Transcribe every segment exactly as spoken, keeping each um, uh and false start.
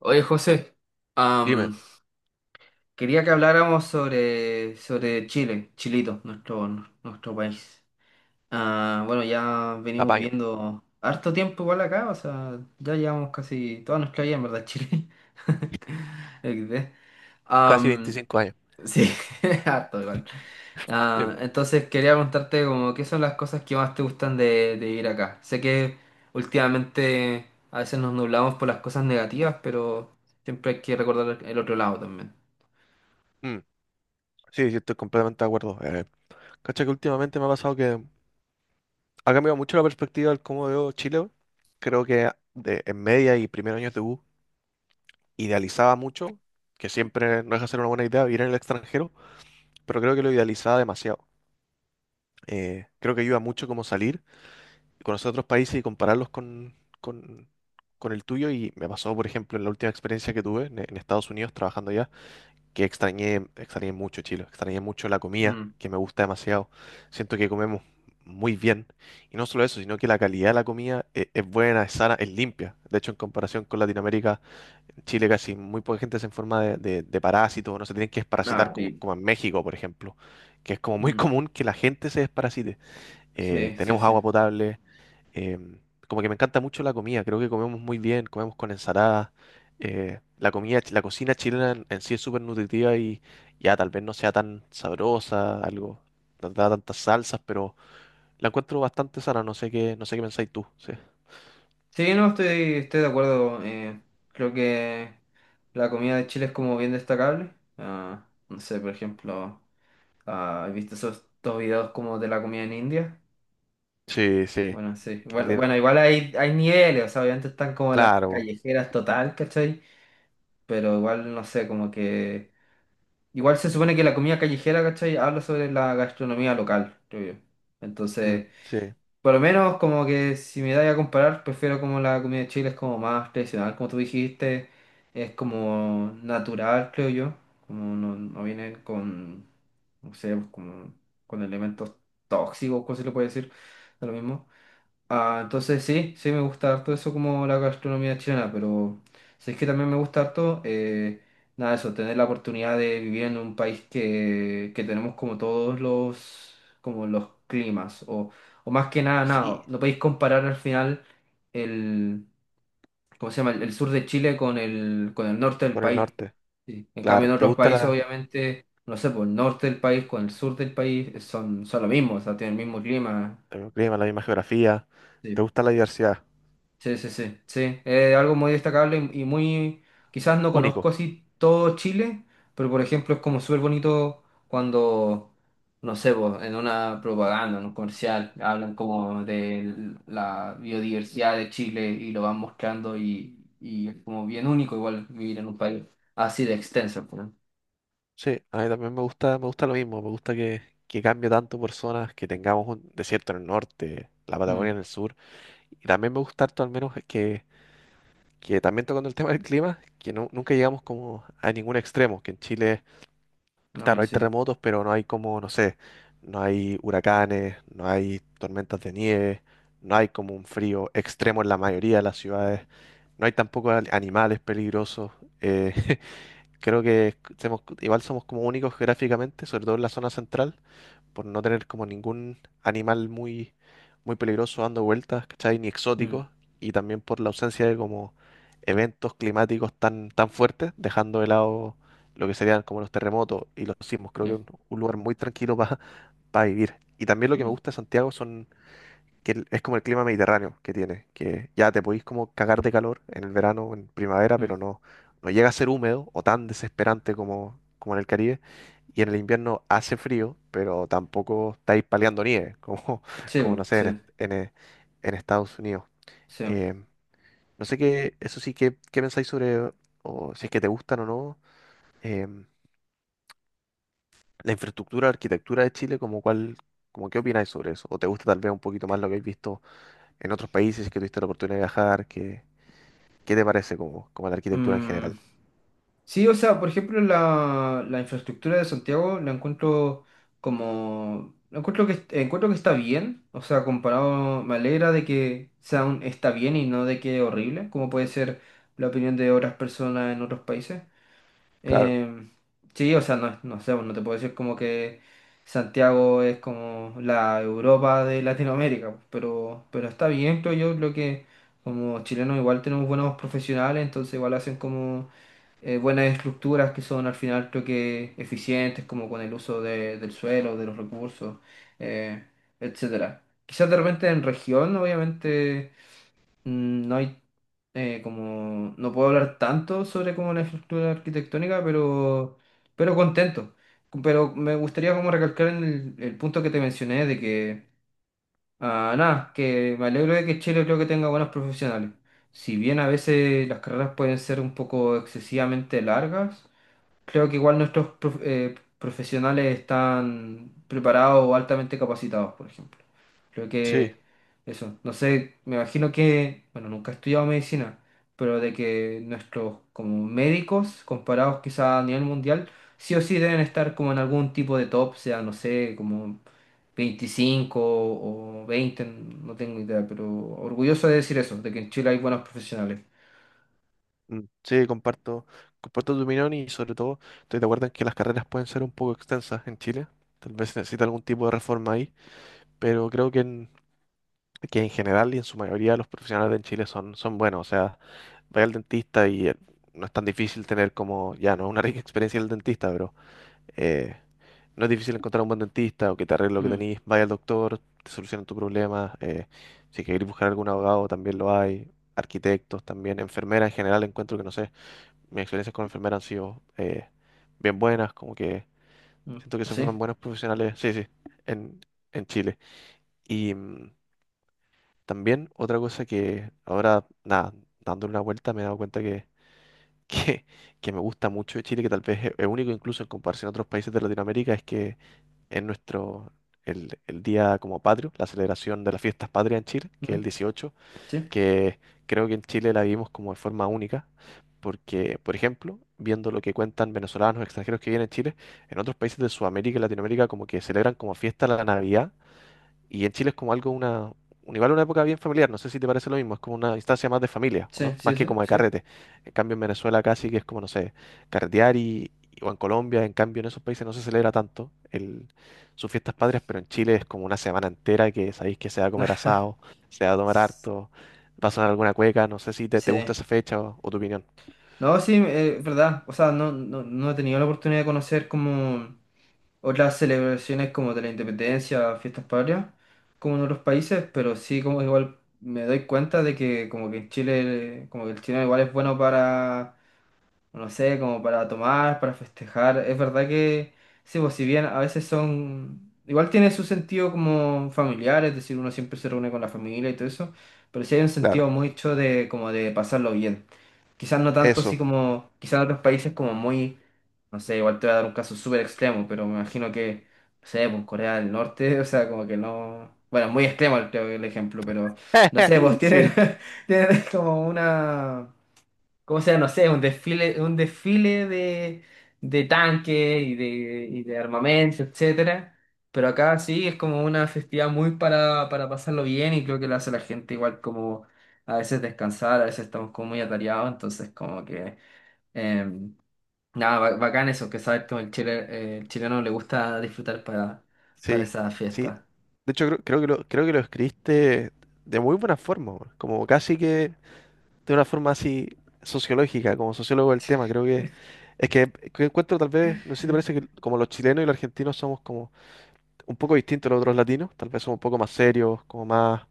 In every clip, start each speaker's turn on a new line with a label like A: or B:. A: Oye, José,
B: Dime,
A: am, quería que habláramos sobre, sobre Chile, Chilito, nuestro, nuestro país. Ah, bueno, ya venimos
B: apaño,
A: viendo harto tiempo igual acá, o sea, ya llevamos casi toda nuestra vida en verdad en Chile. equis de.
B: casi
A: Am,
B: veinticinco años.
A: Sí, harto igual.
B: Dime,
A: Ah, entonces quería preguntarte como qué son las cosas que más te gustan de, de vivir acá. Sé que últimamente a veces nos nublamos por las cosas negativas, pero siempre hay que recordar el otro lado también.
B: mm, sí, sí, estoy completamente de acuerdo. Eh, cacha que últimamente me ha pasado que ha cambiado mucho la perspectiva del cómo veo Chile, weón. Creo que de- en media y primeros años de U idealizaba mucho, que siempre no deja de ser una buena idea vivir en el extranjero, pero creo que lo idealizaba demasiado. Eh, creo que ayuda mucho como salir, conocer otros países y compararlos con, con, con el tuyo. Y me pasó, por ejemplo, en la última experiencia que tuve en en Estados Unidos trabajando allá, que extrañé, extrañé mucho Chile, extrañé mucho la comida,
A: Mm,
B: que me gusta demasiado. Siento que comemos muy bien. Y no solo eso, sino que la calidad de la comida e- es buena, es sana, es limpia. De hecho, en comparación con Latinoamérica, en Chile casi muy poca gente se enferma de, de, de parásitos, no se tienen que
A: ah,
B: desparasitar, como,
A: sí.
B: como en México, por ejemplo, que es como muy
A: Mm,
B: común que la gente se desparasite. Eh,
A: sí, sí,
B: tenemos
A: sí.
B: agua potable. Em, Como que me encanta mucho la comida, creo que comemos muy bien, comemos con ensaladas. Eh, la comida, chi- la cocina chilena en, en sí es súper nutritiva y ya tal vez no sea tan sabrosa, algo, no da tantas salsas, pero la encuentro bastante sana, no sé qué, no sé qué pensáis tú, sí.
A: Sí, no, estoy, estoy de acuerdo. Eh, creo que la comida de Chile es como bien destacable. Ah, no sé, por ejemplo, ah, ¿has visto esos dos videos como de la comida en India?
B: Sí, sí.
A: Bueno, sí.
B: Que no
A: Bueno,
B: tiene,
A: bueno, igual hay, hay niveles, o sea, obviamente están como las
B: claro,
A: callejeras total, ¿cachai? Pero igual, no sé, como que. Igual se supone que la comida callejera, ¿cachai? Habla sobre la gastronomía local, creo yo.
B: mm,
A: Entonces,
B: sí,
A: por lo menos como que si me da a comparar, prefiero como la comida de Chile es como más tradicional, como tú dijiste, es como natural, creo yo. Como no, no viene con, no sé, pues como con elementos tóxicos, ¿cómo se le puede decir? De lo mismo. Ah, entonces sí, sí me gusta harto eso como la gastronomía chilena, pero sí es que también me gusta harto, eh, nada, eso, tener la oportunidad de vivir en un país que, que tenemos como todos los, como los climas, o, o más que nada, nada,
B: sí,
A: no podéis comparar al final el, ¿cómo se llama? El, el sur de Chile con el, con el norte del
B: con el
A: país.
B: norte,
A: Sí. En cambio en
B: claro. ¿Te
A: otros
B: gusta
A: países,
B: la,
A: obviamente, no sé, por el norte del país con el sur del país eh, son, son lo mismo, o sea, tienen el mismo clima.
B: el clima, la misma geografía? ¿Te gusta la diversidad?
A: Sí, sí, sí, sí. Eh, algo muy destacable y, y muy, quizás no conozco
B: Único.
A: así todo Chile, pero por ejemplo es como súper bonito cuando, no sé, po, en una propaganda, en un comercial, hablan como de la biodiversidad de Chile y lo van mostrando, y, y es como bien único igual vivir en un país así de extenso, po, ¿no?
B: Sí, a mí también me gusta, me gusta lo mismo, me gusta que, que cambie tanto por zonas, que tengamos un desierto en el norte, la
A: Mm,
B: Patagonia en el sur, y también me gusta harto al menos que, que también tocando el tema del clima, que nu- nunca llegamos como a ningún extremo, que en Chile,
A: no, bueno,
B: claro, hay
A: sí.
B: terremotos, pero no hay como, no sé, no hay huracanes, no hay tormentas de nieve, no hay como un frío extremo en la mayoría de las ciudades, no hay tampoco al- animales peligrosos, eh, creo que semos- igual somos como únicos geográficamente, sobre todo en la zona central, por no tener como ningún animal muy, muy peligroso dando vueltas, ¿cachai? Ni
A: Mm,
B: exótico, y también por la ausencia de como eventos climáticos tan, tan fuertes, dejando de lado lo que serían como los terremotos y los sismos. Creo que es
A: sí,
B: un, un lugar muy tranquilo para vivir. Y también lo que me
A: mm,
B: gusta de Santiago son que el- es como el clima mediterráneo que tiene, que ya te podís como cagar de calor en el verano, o en primavera, pero
A: mm.
B: no, no llega a ser húmedo o tan desesperante como, como en el Caribe. Y en el invierno hace frío, pero tampoco estáis paleando nieve, como,
A: Sí,
B: como no
A: po,
B: sé, en, est-
A: sí,
B: en, eh, en Estados Unidos.
A: sí.
B: Em, no sé qué, eso sí, qué, qué pensáis sobre, o si es que te gustan o no, em, la infraestructura, arquitectura de Chile, como cuál, como qué opináis sobre eso, ¿o te gusta tal vez un poquito más lo que habéis visto en otros países que tuviste la oportunidad de viajar? ¿Qué, qué te parece como, como la arquitectura en general?
A: Mm. Sí, o sea, por ejemplo, la, la infraestructura de Santiago la encuentro como, la encuentro que, encuentro que está bien, o sea, comparado, me alegra de que sea un está bien y no de que horrible, como puede ser la opinión de otras personas en otros países.
B: Claro,
A: Eh, sí, o sea, no, no sé, no te puedo decir como que Santiago es como la Europa de Latinoamérica, pero, pero está bien, creo yo, creo que como chilenos igual tenemos buenos profesionales, entonces igual hacen como eh, buenas estructuras que son al final creo que eficientes, como con el uso de- del suelo, de los recursos, eh, etcétera. Quizás de repente en región, obviamente, mm, no hay eh, como no puedo hablar tanto sobre como la infraestructura arquitectónica, pero, pero contento. Pero me gustaría como recalcar en el, el punto que te mencioné de que, ah, nada, que me alegro de que Chile creo que tenga buenos profesionales. Si bien a veces las carreras pueden ser un poco excesivamente largas. Creo que igual nuestros prof- eh, profesionales están preparados o altamente capacitados, por ejemplo. Creo
B: sí,
A: que eso, no sé, me imagino que, bueno, nunca he estudiado medicina, pero de que nuestros como médicos, comparados quizá a nivel mundial, sí o sí deben estar como en algún tipo de top, sea, no sé, como veinticinco o veinte, no tengo idea, pero orgulloso de decir eso, de que en Chile hay buenos profesionales.
B: mm, sí, comparto, comparto tu opinión y sobre todo estoy de acuerdo en que las carreras pueden ser un poco extensas en Chile. Tal vez se necesita algún tipo de reforma ahí, pero creo que en, que en general y en su mayoría los profesionales en Chile son, son buenos. O sea, vaya al dentista y eh, no es tan difícil tener como, ya no es una rica experiencia el dentista, pero Eh, no es difícil encontrar un buen dentista o que te arregle lo que
A: Mm,
B: tenés, vaya al doctor, te solucionan tu problema. Eh, si querés buscar algún abogado, también lo hay. Arquitectos también, enfermeras en general, encuentro que no sé, mis experiencias con enfermeras han sido eh, bien buenas, como que
A: mm,
B: siento que se forman
A: ¿sí?
B: buenos profesionales, sí, sí, en, en Chile. Y mm, también otra cosa que ahora, nada, dándole una vuelta me he dado cuenta que, que, que me gusta mucho de Chile, que tal vez es es único incluso en comparación a otros países de Latinoamérica, es que es nuestro, el, el día como patrio, la celebración de las fiestas patrias en Chile, que es el
A: Mm,
B: dieciocho,
A: ¿sí?
B: que creo que en Chile la vivimos como de forma única, porque, por ejemplo, viendo lo que cuentan venezolanos extranjeros que vienen a Chile, en otros países de Sudamérica y Latinoamérica como que celebran como fiesta la Navidad y en Chile es como algo, una, un- igual una época bien familiar, no sé si te parece lo mismo, es como una instancia más de familia, ¿o
A: Sí,
B: no?
A: sí,
B: Más
A: sí,
B: que como de
A: sí.
B: carrete. En cambio en Venezuela casi que es como, no sé, carretear y, o en Colombia, en cambio en esos países no se celebra tanto el, sus fiestas patrias, pero en Chile es como una semana entera que sabéis que se va a comer asado, se va a tomar harto, va a sonar alguna cueca, no sé si te, te gusta
A: Sí.
B: esa fecha o, o tu opinión.
A: No, sí, eh, es verdad. O sea, no, no, no he tenido la oportunidad de conocer como otras celebraciones como de la independencia, fiestas patrias, como en otros países, pero sí como igual me doy cuenta de que como que en Chile, como que el chileno igual es bueno para, no sé, como para tomar, para festejar. Es verdad que, sí, pues si bien a veces son, igual tiene su sentido como familiar, es decir, uno siempre se reúne con la familia y todo eso, pero sí hay un
B: Claro,
A: sentido mucho de como de pasarlo bien. Quizás no tanto así
B: eso.
A: como, quizás en otros países como muy, no sé, igual te voy a dar un caso súper extremo, pero me imagino que, no sé, pues Corea del Norte, o sea, como que no, bueno, muy extremo creo que el ejemplo, pero no sé, pues
B: Sí,
A: tienen, tienen como una, como sea, no sé, un desfile, un desfile de, de tanques y de, y de armamento, etcétera. Pero acá sí es como una festividad muy para, para pasarlo bien, y creo que lo hace la gente igual como a veces descansar, a veces estamos como muy atareados, entonces como que eh, nada, ba- bacán eso, que saber que el chile, eh, el chileno le gusta disfrutar para, para
B: sí,
A: esa
B: sí.
A: fiesta.
B: De hecho, creo, creo que lo, creo que lo escribiste de muy buena forma, weón. Como casi que de una forma así sociológica, como sociólogo del tema. Creo que es que, que encuentro tal vez, no sé si te parece que como los chilenos y los argentinos somos como un poco distintos a los otros latinos, tal vez somos un poco más serios, como más,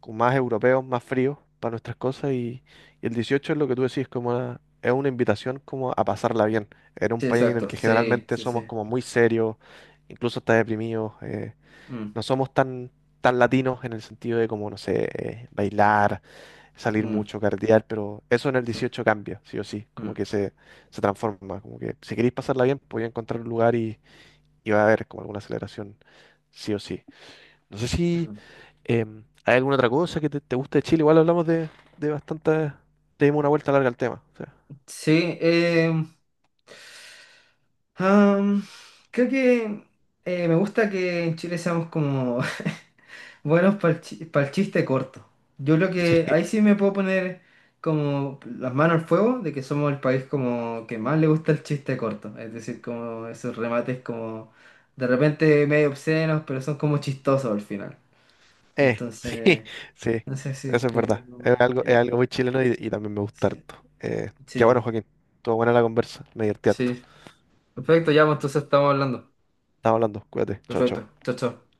B: como más europeos, más fríos para nuestras cosas y, y el dieciocho es lo que tú decís, como una- es una invitación como a pasarla bien. Era un
A: Sí,
B: país en el
A: exacto,
B: que
A: sí,
B: generalmente
A: sí,
B: somos
A: sí.
B: como muy serios, incluso hasta deprimidos. Eh,
A: Mm,
B: no somos tan, tan latinos en el sentido de como, no sé, eh, bailar, salir
A: mm,
B: mucho, cardear, pero eso en el
A: sí,
B: dieciocho cambia, sí o sí, como
A: mm,
B: que se, se transforma, como que si queréis pasarla bien, podéis encontrar un lugar y, y va a haber como alguna celebración, sí o sí. No sé si
A: mm.
B: em, hay alguna otra cosa que te, te guste de Chile, igual hablamos de, de bastante, te dimos una vuelta larga al tema, o sea,
A: Sí, em, am, creo que eh, me gusta que en Chile seamos como buenos para el chiste corto. Yo creo que
B: sí.
A: ahí sí me puedo poner como las manos al fuego de que somos el país como que más le gusta el chiste corto. Es decir, como esos remates como de repente medio obscenos, pero son como chistosos al final.
B: Eh, sí,
A: Entonces,
B: sí,
A: no sé si
B: eso es
A: creo que.
B: verdad. Es algo, es
A: Ok,
B: algo muy chileno y, y también me gusta
A: sí,
B: harto. Eh, qué bueno,
A: sí,
B: Joaquín. Estuvo buena la conversa, me divertí harto.
A: sí. Perfecto, ya, pues entonces estamos hablando.
B: Estamos hablando, cuídate, chao,
A: Perfecto,
B: chao.
A: chao, chao.